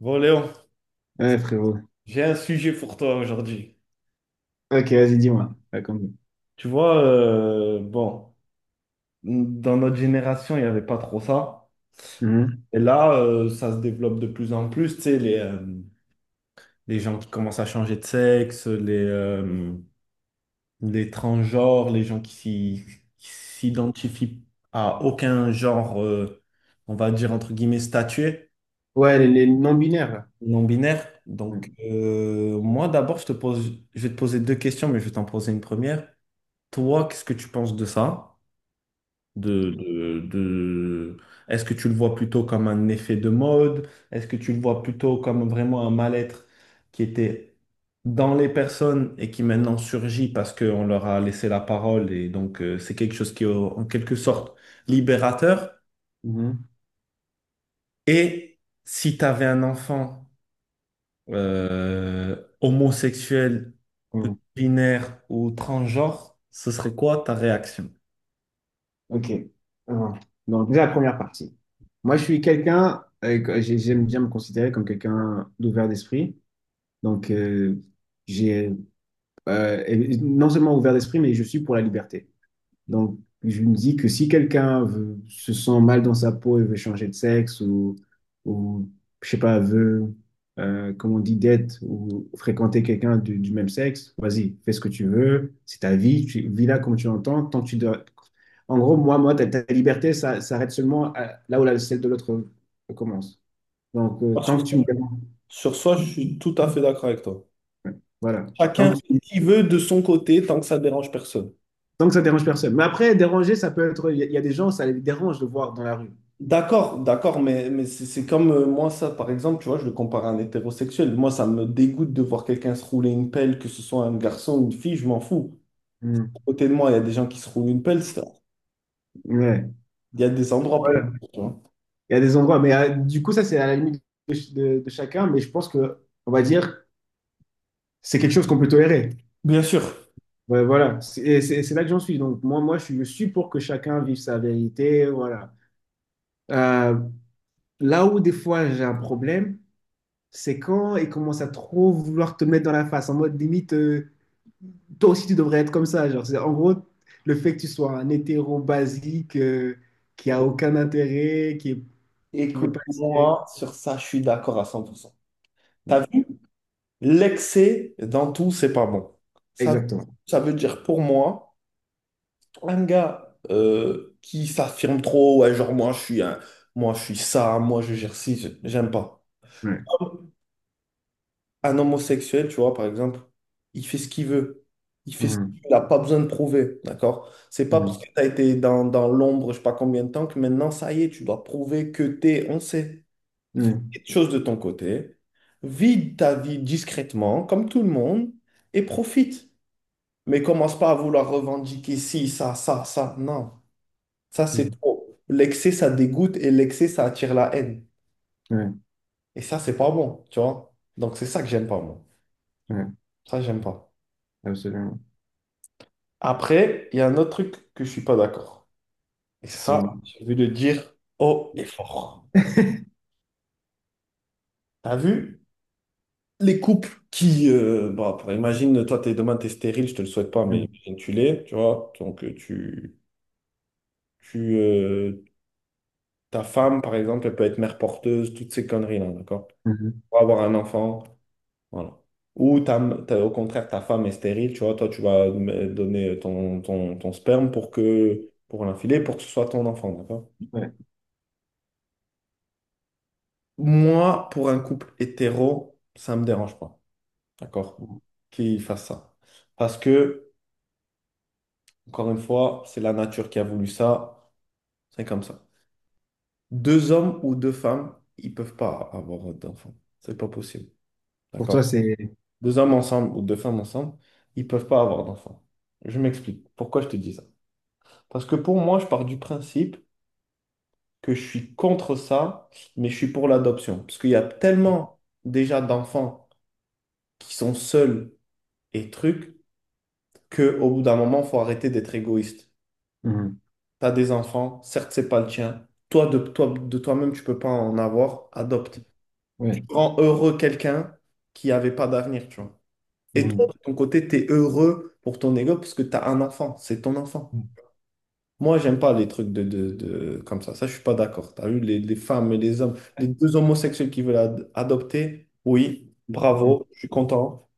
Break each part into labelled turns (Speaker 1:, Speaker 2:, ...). Speaker 1: Bon, Léon,
Speaker 2: Ouais, frérot.
Speaker 1: j'ai un sujet pour toi aujourd'hui.
Speaker 2: Ok, vas-y, dis-moi. Raconte-moi.
Speaker 1: Tu vois, bon, dans notre génération, il n'y avait pas trop ça.
Speaker 2: Mhm.
Speaker 1: Et là, ça se développe de plus en plus. Tu sais, les gens qui commencent à changer de sexe, les transgenres, les gens qui s'y- qui s'identifient à aucun genre, on va dire entre guillemets, statué,
Speaker 2: Ouais, les non-binaires, là.
Speaker 1: non-binaire.
Speaker 2: Ouais.
Speaker 1: Donc, moi, d'abord, je vais te poser deux questions, mais je vais t'en poser une première. Toi, qu'est-ce que tu penses de ça? de, de, de- Est-ce que tu le vois plutôt comme un effet de mode? Est-ce que tu le vois plutôt comme vraiment un mal-être qui était dans les personnes et qui maintenant surgit parce qu'on leur a laissé la parole et donc c'est quelque chose qui est en quelque sorte libérateur?
Speaker 2: Mhm.
Speaker 1: Et si tu avais un enfant homosexuel,
Speaker 2: Mhm.
Speaker 1: binaire ou transgenre, ce serait quoi ta réaction?
Speaker 2: Ok. Alors, donc, déjà, la première partie. Moi, je suis quelqu'un, j'aime bien me considérer comme quelqu'un d'ouvert d'esprit. Donc, j'ai et non seulement ouvert d'esprit, mais je suis pour la liberté. Donc, je me dis que si se sent mal dans sa peau et veut changer de sexe ou je sais pas, veut, comme on dit, date ou fréquenter quelqu'un du même sexe, vas-y, fais ce que tu veux, c'est ta vie, tu vis là comme tu l'entends, tant que tu dois... En gros, moi, ta liberté, ça s'arrête là où celle de l'autre commence. Donc,
Speaker 1: Moi,
Speaker 2: tant
Speaker 1: Sur
Speaker 2: que tu me déranges,
Speaker 1: sur ça, je suis tout à fait d'accord avec toi.
Speaker 2: voilà, tant
Speaker 1: Chacun
Speaker 2: que,
Speaker 1: fait
Speaker 2: tu-
Speaker 1: ce qu'il veut de son côté tant que ça dérange personne.
Speaker 2: tant que ça dérange personne. Mais après, déranger, ça peut être... il y a des gens, ça les dérange de voir dans la rue.
Speaker 1: D'accord, d'accord, mais c'est comme moi, ça, par exemple, tu vois, je le compare à un hétérosexuel. Moi, ça me dégoûte de voir quelqu'un se rouler une pelle, que ce soit un garçon ou une fille, je m'en fous. À
Speaker 2: Hmm.
Speaker 1: côté de moi, il y a des gens qui se roulent une pelle,
Speaker 2: Ouais.
Speaker 1: il y a des endroits pour. Tu vois.
Speaker 2: Il y a des endroits, mais du coup, ça, c'est à la limite de chacun, mais je pense que, on va dire, c'est quelque chose qu'on peut tolérer.
Speaker 1: Bien sûr.
Speaker 2: Ouais, voilà, c'est là que j'en suis. Donc, je suis pour que chacun vive sa vérité, voilà. Euh, Là où, des fois, j'ai un problème, c'est quand ils commencent à trop vouloir te mettre dans la face, en mode limite, toi aussi, tu devrais être comme ça. Genre, en gros, le fait que tu sois un hétéro basique, qui a aucun intérêt, qui veut pas essayer.
Speaker 1: Écoute-moi, sur ça, je suis d'accord à 100%. T'as vu? L'excès dans tout, c'est pas bon. Ça,
Speaker 2: Exactement.
Speaker 1: ça veut dire pour moi. Un gars qui s'affirme trop, ouais, genre moi je suis ça, moi je gère ci, j'aime pas.
Speaker 2: Ouais.
Speaker 1: Un homosexuel, tu vois, par exemple, il fait ce qu'il veut. Il fait ce
Speaker 2: Mhm.
Speaker 1: qu'il n'a pas besoin de prouver, d'accord? C'est pas parce
Speaker 2: Mhm.
Speaker 1: que tu as été dans l'ombre, je sais pas combien de temps, que maintenant, ça y est, tu dois prouver que t'es, on sait,
Speaker 2: Mhm.
Speaker 1: quelque chose de ton côté. Vide ta vie discrètement, comme tout le monde, et profite. Mais commence pas à vouloir revendiquer ci, ça, ça, ça. Non. Ça, c'est
Speaker 2: Mmh.
Speaker 1: trop. L'excès, ça dégoûte et l'excès, ça attire la haine.
Speaker 2: Ouais,
Speaker 1: Et ça, c'est pas bon, tu vois. Donc, c'est ça que j'aime pas, moi.
Speaker 2: ouais,
Speaker 1: Ça, j'aime pas.
Speaker 2: absolument.
Speaker 1: Après, il y a un autre truc que je suis pas d'accord. Et ça,
Speaker 2: Dis-moi.
Speaker 1: j'ai envie de dire haut et fort. T'as vu? Les couples qui, bah, imagine, toi, demain, t'es stérile, je te le souhaite pas, mais
Speaker 2: Mmh.
Speaker 1: imagine, tu l'es, tu vois. Donc, tu, euh, ta femme, par exemple, elle peut être mère porteuse, toutes ces conneries-là, d'accord?
Speaker 2: Mmh.
Speaker 1: Pour avoir un enfant. Voilà. Ou ta- au contraire, ta femme est stérile, tu vois, toi, donner ton sperme pour que, pour l'infiler, pour que ce soit ton enfant, d'accord?
Speaker 2: Ouais.
Speaker 1: Moi, pour un couple hétéro, ça me dérange pas, d'accord? Qu'il fasse ça. Parce que, encore une fois, c'est la nature qui a voulu ça, c'est comme ça. Deux hommes ou deux femmes, ils peuvent pas avoir d'enfants. C'est pas possible,
Speaker 2: Pour
Speaker 1: d'accord?
Speaker 2: toi, c'est.
Speaker 1: Deux hommes ensemble ou deux femmes ensemble, ils peuvent pas avoir d'enfants. Je m'explique. Pourquoi je te dis ça? Parce que pour moi, je pars du principe que je suis contre ça, mais je suis pour l'adoption. Parce qu'il y a tellement déjà d'enfants qui sont seuls et trucs qu'au bout d'un moment, il faut arrêter d'être égoïste.
Speaker 2: Mmh.
Speaker 1: Tu as des enfants, certes, c'est pas le tien. De toi-même, tu peux pas en avoir, adopte.
Speaker 2: Ouais.
Speaker 1: Rends heureux quelqu'un qui avait pas d'avenir, tu vois. Et toi,
Speaker 2: Mmh.
Speaker 1: de ton côté, tu es heureux pour ton ego parce que tu as un enfant, c'est ton enfant.
Speaker 2: Mmh.
Speaker 1: Moi, j'aime pas les trucs comme ça. Ça, je suis pas d'accord. T'as vu, les femmes et les hommes, les deux homosexuels qui veulent adopter, oui, bravo, je suis content.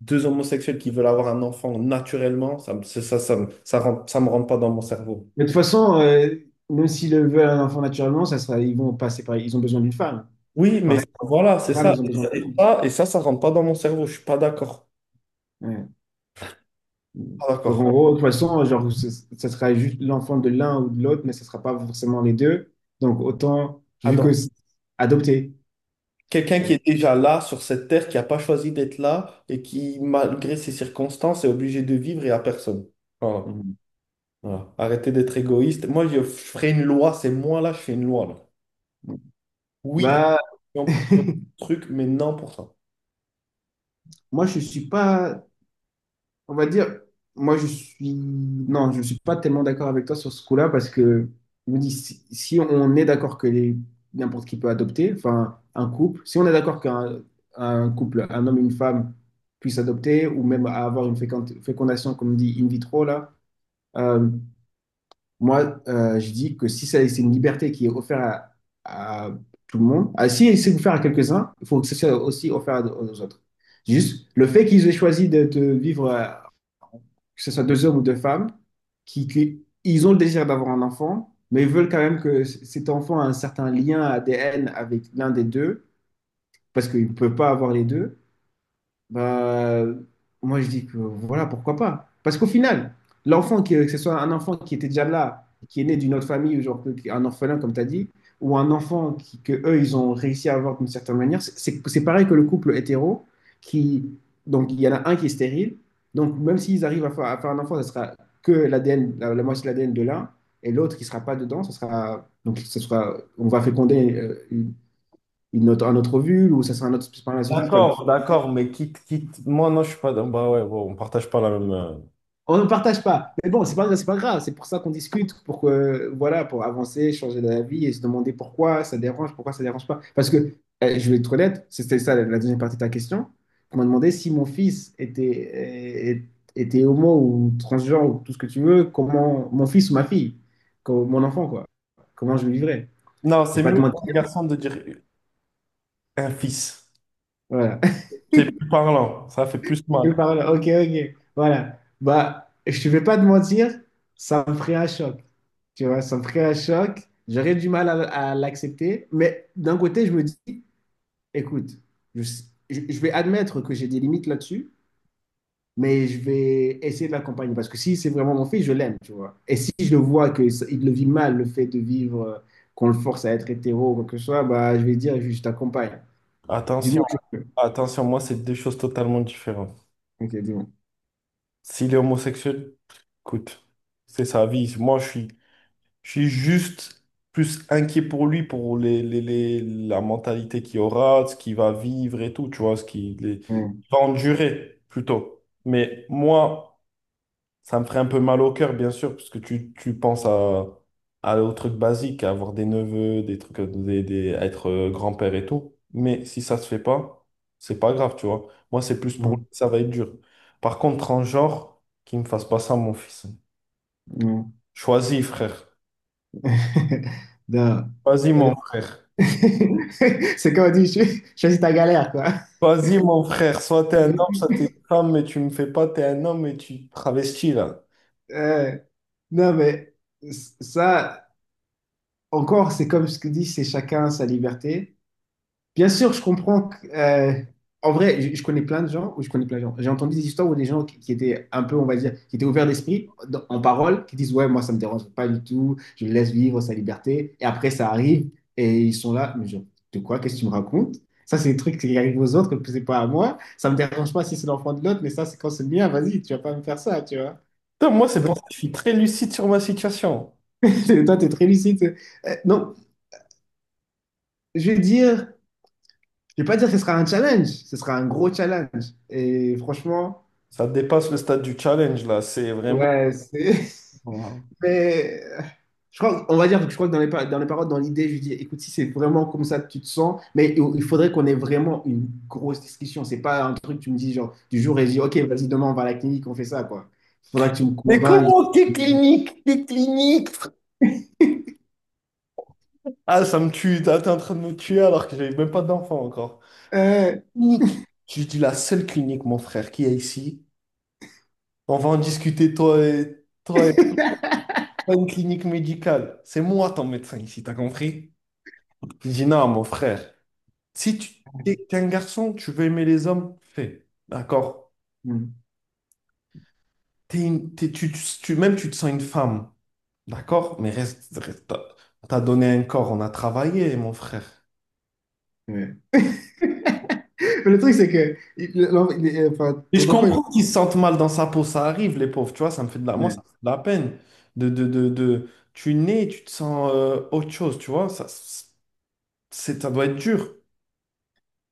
Speaker 1: Deux homosexuels qui veulent avoir un enfant naturellement, c'est ça, ça me rentre pas dans mon cerveau.
Speaker 2: Mais de toute façon, même s'ils le veulent un enfant naturellement, ça sera, ils vont passer par. Ils ont besoin d'une femme.
Speaker 1: Oui, mais
Speaker 2: Pareil,
Speaker 1: voilà, c'est
Speaker 2: les femmes,
Speaker 1: ça.
Speaker 2: elles ont
Speaker 1: Et
Speaker 2: besoin
Speaker 1: ça,
Speaker 2: d'un
Speaker 1: et
Speaker 2: homme.
Speaker 1: ça, et ça ça rentre pas dans mon cerveau. Je suis pas d'accord.
Speaker 2: Ouais.
Speaker 1: Pas
Speaker 2: Donc,
Speaker 1: d'accord.
Speaker 2: en gros, de toute façon, genre, ça sera juste l'enfant de l'un ou de l'autre, mais ça sera pas forcément les deux. Donc, autant, vu que
Speaker 1: J'adore.
Speaker 2: c'est adopté.
Speaker 1: Quelqu'un qui est déjà là, sur cette terre, qui n'a pas choisi d'être là et qui, malgré ses circonstances, est obligé de vivre et à personne. Voilà.
Speaker 2: Mmh.
Speaker 1: Voilà. Arrêtez d'être égoïste. Moi, je ferai une loi, c'est moi là, je fais une loi là. Oui,
Speaker 2: Bah,
Speaker 1: non pour ce truc, mais non pour ça.
Speaker 2: moi, je suis pas. On va dire, moi je suis, non, je suis pas tellement d'accord avec toi sur ce coup-là parce que je me dis, si on est d'accord que n'importe qui peut adopter, enfin un couple, si on est d'accord qu'un un couple, un homme et une femme puissent adopter ou même à avoir une fécondation, comme dit in vitro là, euh, je dis que si c'est une liberté qui est offerte à tout le monde, ah, si c'est offert à quelques-uns, il faut que ce soit aussi offert à- aux autres. Juste, le fait qu'ils aient choisi de vivre, que ce soit deux hommes ou deux femmes, ils ont le désir d'avoir un enfant, mais ils veulent quand même que cet enfant a un certain lien ADN avec l'un des deux, parce qu'il ne peut pas avoir les deux. Bah, moi, je dis que voilà, pourquoi pas? Parce qu'au final, que ce soit un enfant qui était déjà là, qui est né d'une autre famille, ou un orphelin, comme tu as dit, ou un enfant que eux, ils ont réussi à avoir d'une certaine manière, c'est pareil que le couple hétéro, qui, donc il y en a un qui est stérile, donc même s'ils arrivent à faire un enfant, ça sera que l'ADN, la moitié de l'ADN de l'un, et l'autre qui sera pas dedans, ça sera, donc ça sera, on va féconder une autre, un autre ovule, ou ça sera un autre spermatozoïde.
Speaker 1: D'accord, d'accord, mais quitte, quitte. Moi, non, je suis pas. Dans- bah ouais, bon, on partage pas la même. Euh,
Speaker 2: On ne partage pas. Mais bon, c'est pas grave. C'est pour ça qu'on discute, pour que, voilà, pour avancer, changer d'avis et se demander pourquoi ça dérange pas. Parce que, je vais être honnête, c'était ça la la deuxième partie de ta question. On m'a demandé si mon fils était, était homo ou transgenre ou tout ce que tu veux, comment mon fils ou ma fille, comme mon enfant, quoi. Comment je le vivrais.
Speaker 1: non,
Speaker 2: Je
Speaker 1: c'est
Speaker 2: vais pas te
Speaker 1: mieux pour
Speaker 2: mentir.
Speaker 1: un garçon de dire un fils.
Speaker 2: Voilà.
Speaker 1: C'est plus parlant, ça fait plus
Speaker 2: Je
Speaker 1: mal.
Speaker 2: vais pas- voilà, Ok, ok. Voilà. Bah, je ne vais pas te mentir, ça me ferait un choc. Tu vois, ça me ferait un choc. J'aurais du mal à l'accepter. Mais d'un côté, je me dis, écoute, je, je vais admettre que j'ai des limites là-dessus, mais je vais essayer de l'accompagner. Parce que si c'est vraiment mon fils, je l'aime, tu vois. Et si je le vois que il le vit mal, le fait de vivre, qu'on le force à être hétéro ou quoi que ce soit, bah, je vais dire, je t'accompagne. Du
Speaker 1: Attention,
Speaker 2: mieux que je peux.
Speaker 1: attention, moi, c'est deux choses totalement différentes.
Speaker 2: Ok, dis-moi.
Speaker 1: S'il est homosexuel, écoute, c'est sa vie. Moi, je suis juste plus inquiet pour lui, pour la mentalité qu'il aura, ce qu'il va vivre et tout, tu vois,
Speaker 2: Mm,
Speaker 1: il va endurer plutôt. Mais moi, ça me ferait un peu mal au cœur, bien sûr, parce que tu penses à, aux trucs basiques, à avoir des neveux, des trucs, des- à être grand-père et tout. Mais si ça se fait pas, c'est pas grave, tu vois. Moi, c'est plus pour
Speaker 2: mm,
Speaker 1: lui que ça va être dur. Par contre, en genre, qu'il me fasse pas ça, mon fils.
Speaker 2: mm.
Speaker 1: Choisis, frère.
Speaker 2: Non.
Speaker 1: Choisis, mon frère.
Speaker 2: C'est comme on dit, choisis ta galère, quoi.
Speaker 1: Choisis, mon frère. Soit t'es un homme, soit t'es une femme, mais tu me fais pas, t'es un homme et tu te travestis, là.
Speaker 2: Euh, non, mais ça, encore, c'est comme ce que dit, c'est chacun sa liberté. Bien sûr, je comprends que, en vrai, je connais plein de gens, ou je connais plein de gens, j'ai entendu des histoires où des gens qui étaient un peu, on va dire, qui étaient ouverts d'esprit, en parole, qui disent, ouais, moi, ça me dérange pas du tout, je le laisse vivre sa liberté. Et après, ça arrive, et ils sont là, mais genre, de quoi, qu'est-ce que tu me racontes? Ça, c'est des trucs qui arrivent aux autres, que c'est pas à moi. Ça me dérange pas si c'est l'enfant de l'autre, mais ça, c'est quand c'est le mien, vas-y, tu vas pas me faire ça, tu vois.
Speaker 1: Putain, moi, c'est pour ça que je suis très lucide sur ma situation.
Speaker 2: Toi, t'es très lucide. Non, je vais dire, je vais pas dire que ce sera un challenge, ce sera un gros challenge. Et franchement,
Speaker 1: Ça dépasse le stade du challenge, là. C'est vraiment.
Speaker 2: ouais, c'est. Mais on va dire que je crois que dans les, dans les paroles, dans l'idée, je dis, écoute, si c'est vraiment comme ça que tu te sens, mais il faudrait qu'on ait vraiment une grosse discussion. C'est pas un truc que tu me dis genre du jour et je dis, ok, vas-y, demain on va à la clinique, on fait ça, quoi. Il faudra que tu me
Speaker 1: Mais
Speaker 2: convainques.
Speaker 1: comment t'es clinique? T'es clinique? Frère, ah, ça me tue. T'es en train de me tuer alors que j'avais même pas d'enfant encore.
Speaker 2: Euh,
Speaker 1: Clinique. Je dis la seule clinique, mon frère, qu'il y a ici. On va en discuter, toi et pas une clinique médicale. C'est moi ton médecin ici, t'as compris? Je dis non, mon frère. Si tu t'es un garçon, tu veux aimer les hommes, fais. D'accord?
Speaker 2: hmm,
Speaker 1: Tu, même tu te sens une femme. D'accord? Mais reste, t'as t'as donné un corps, on a travaillé, mon frère.
Speaker 2: ouais. Mais le truc, c'est que enfin,
Speaker 1: Et je
Speaker 2: ton enfant, il
Speaker 1: comprends qu'ils se sentent mal dans sa peau, ça arrive, les pauvres, tu vois, ça me fait de la... Moi, ça me
Speaker 2: va.
Speaker 1: fait de la peine Tu nais, tu te sens autre chose, tu vois, ça, ça doit être dur.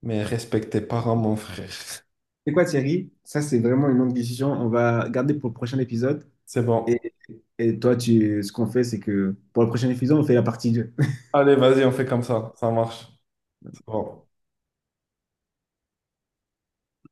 Speaker 1: Mais respecte tes parents, mon frère.
Speaker 2: C'est quoi Thierry? Ça, c'est vraiment une longue discussion. On va garder pour le prochain épisode.
Speaker 1: C'est bon.
Speaker 2: Et, et toi, tu, ce qu'on fait, c'est que pour le prochain épisode, on fait la partie deux.
Speaker 1: Allez, vas-y, on fait comme ça marche. C'est bon.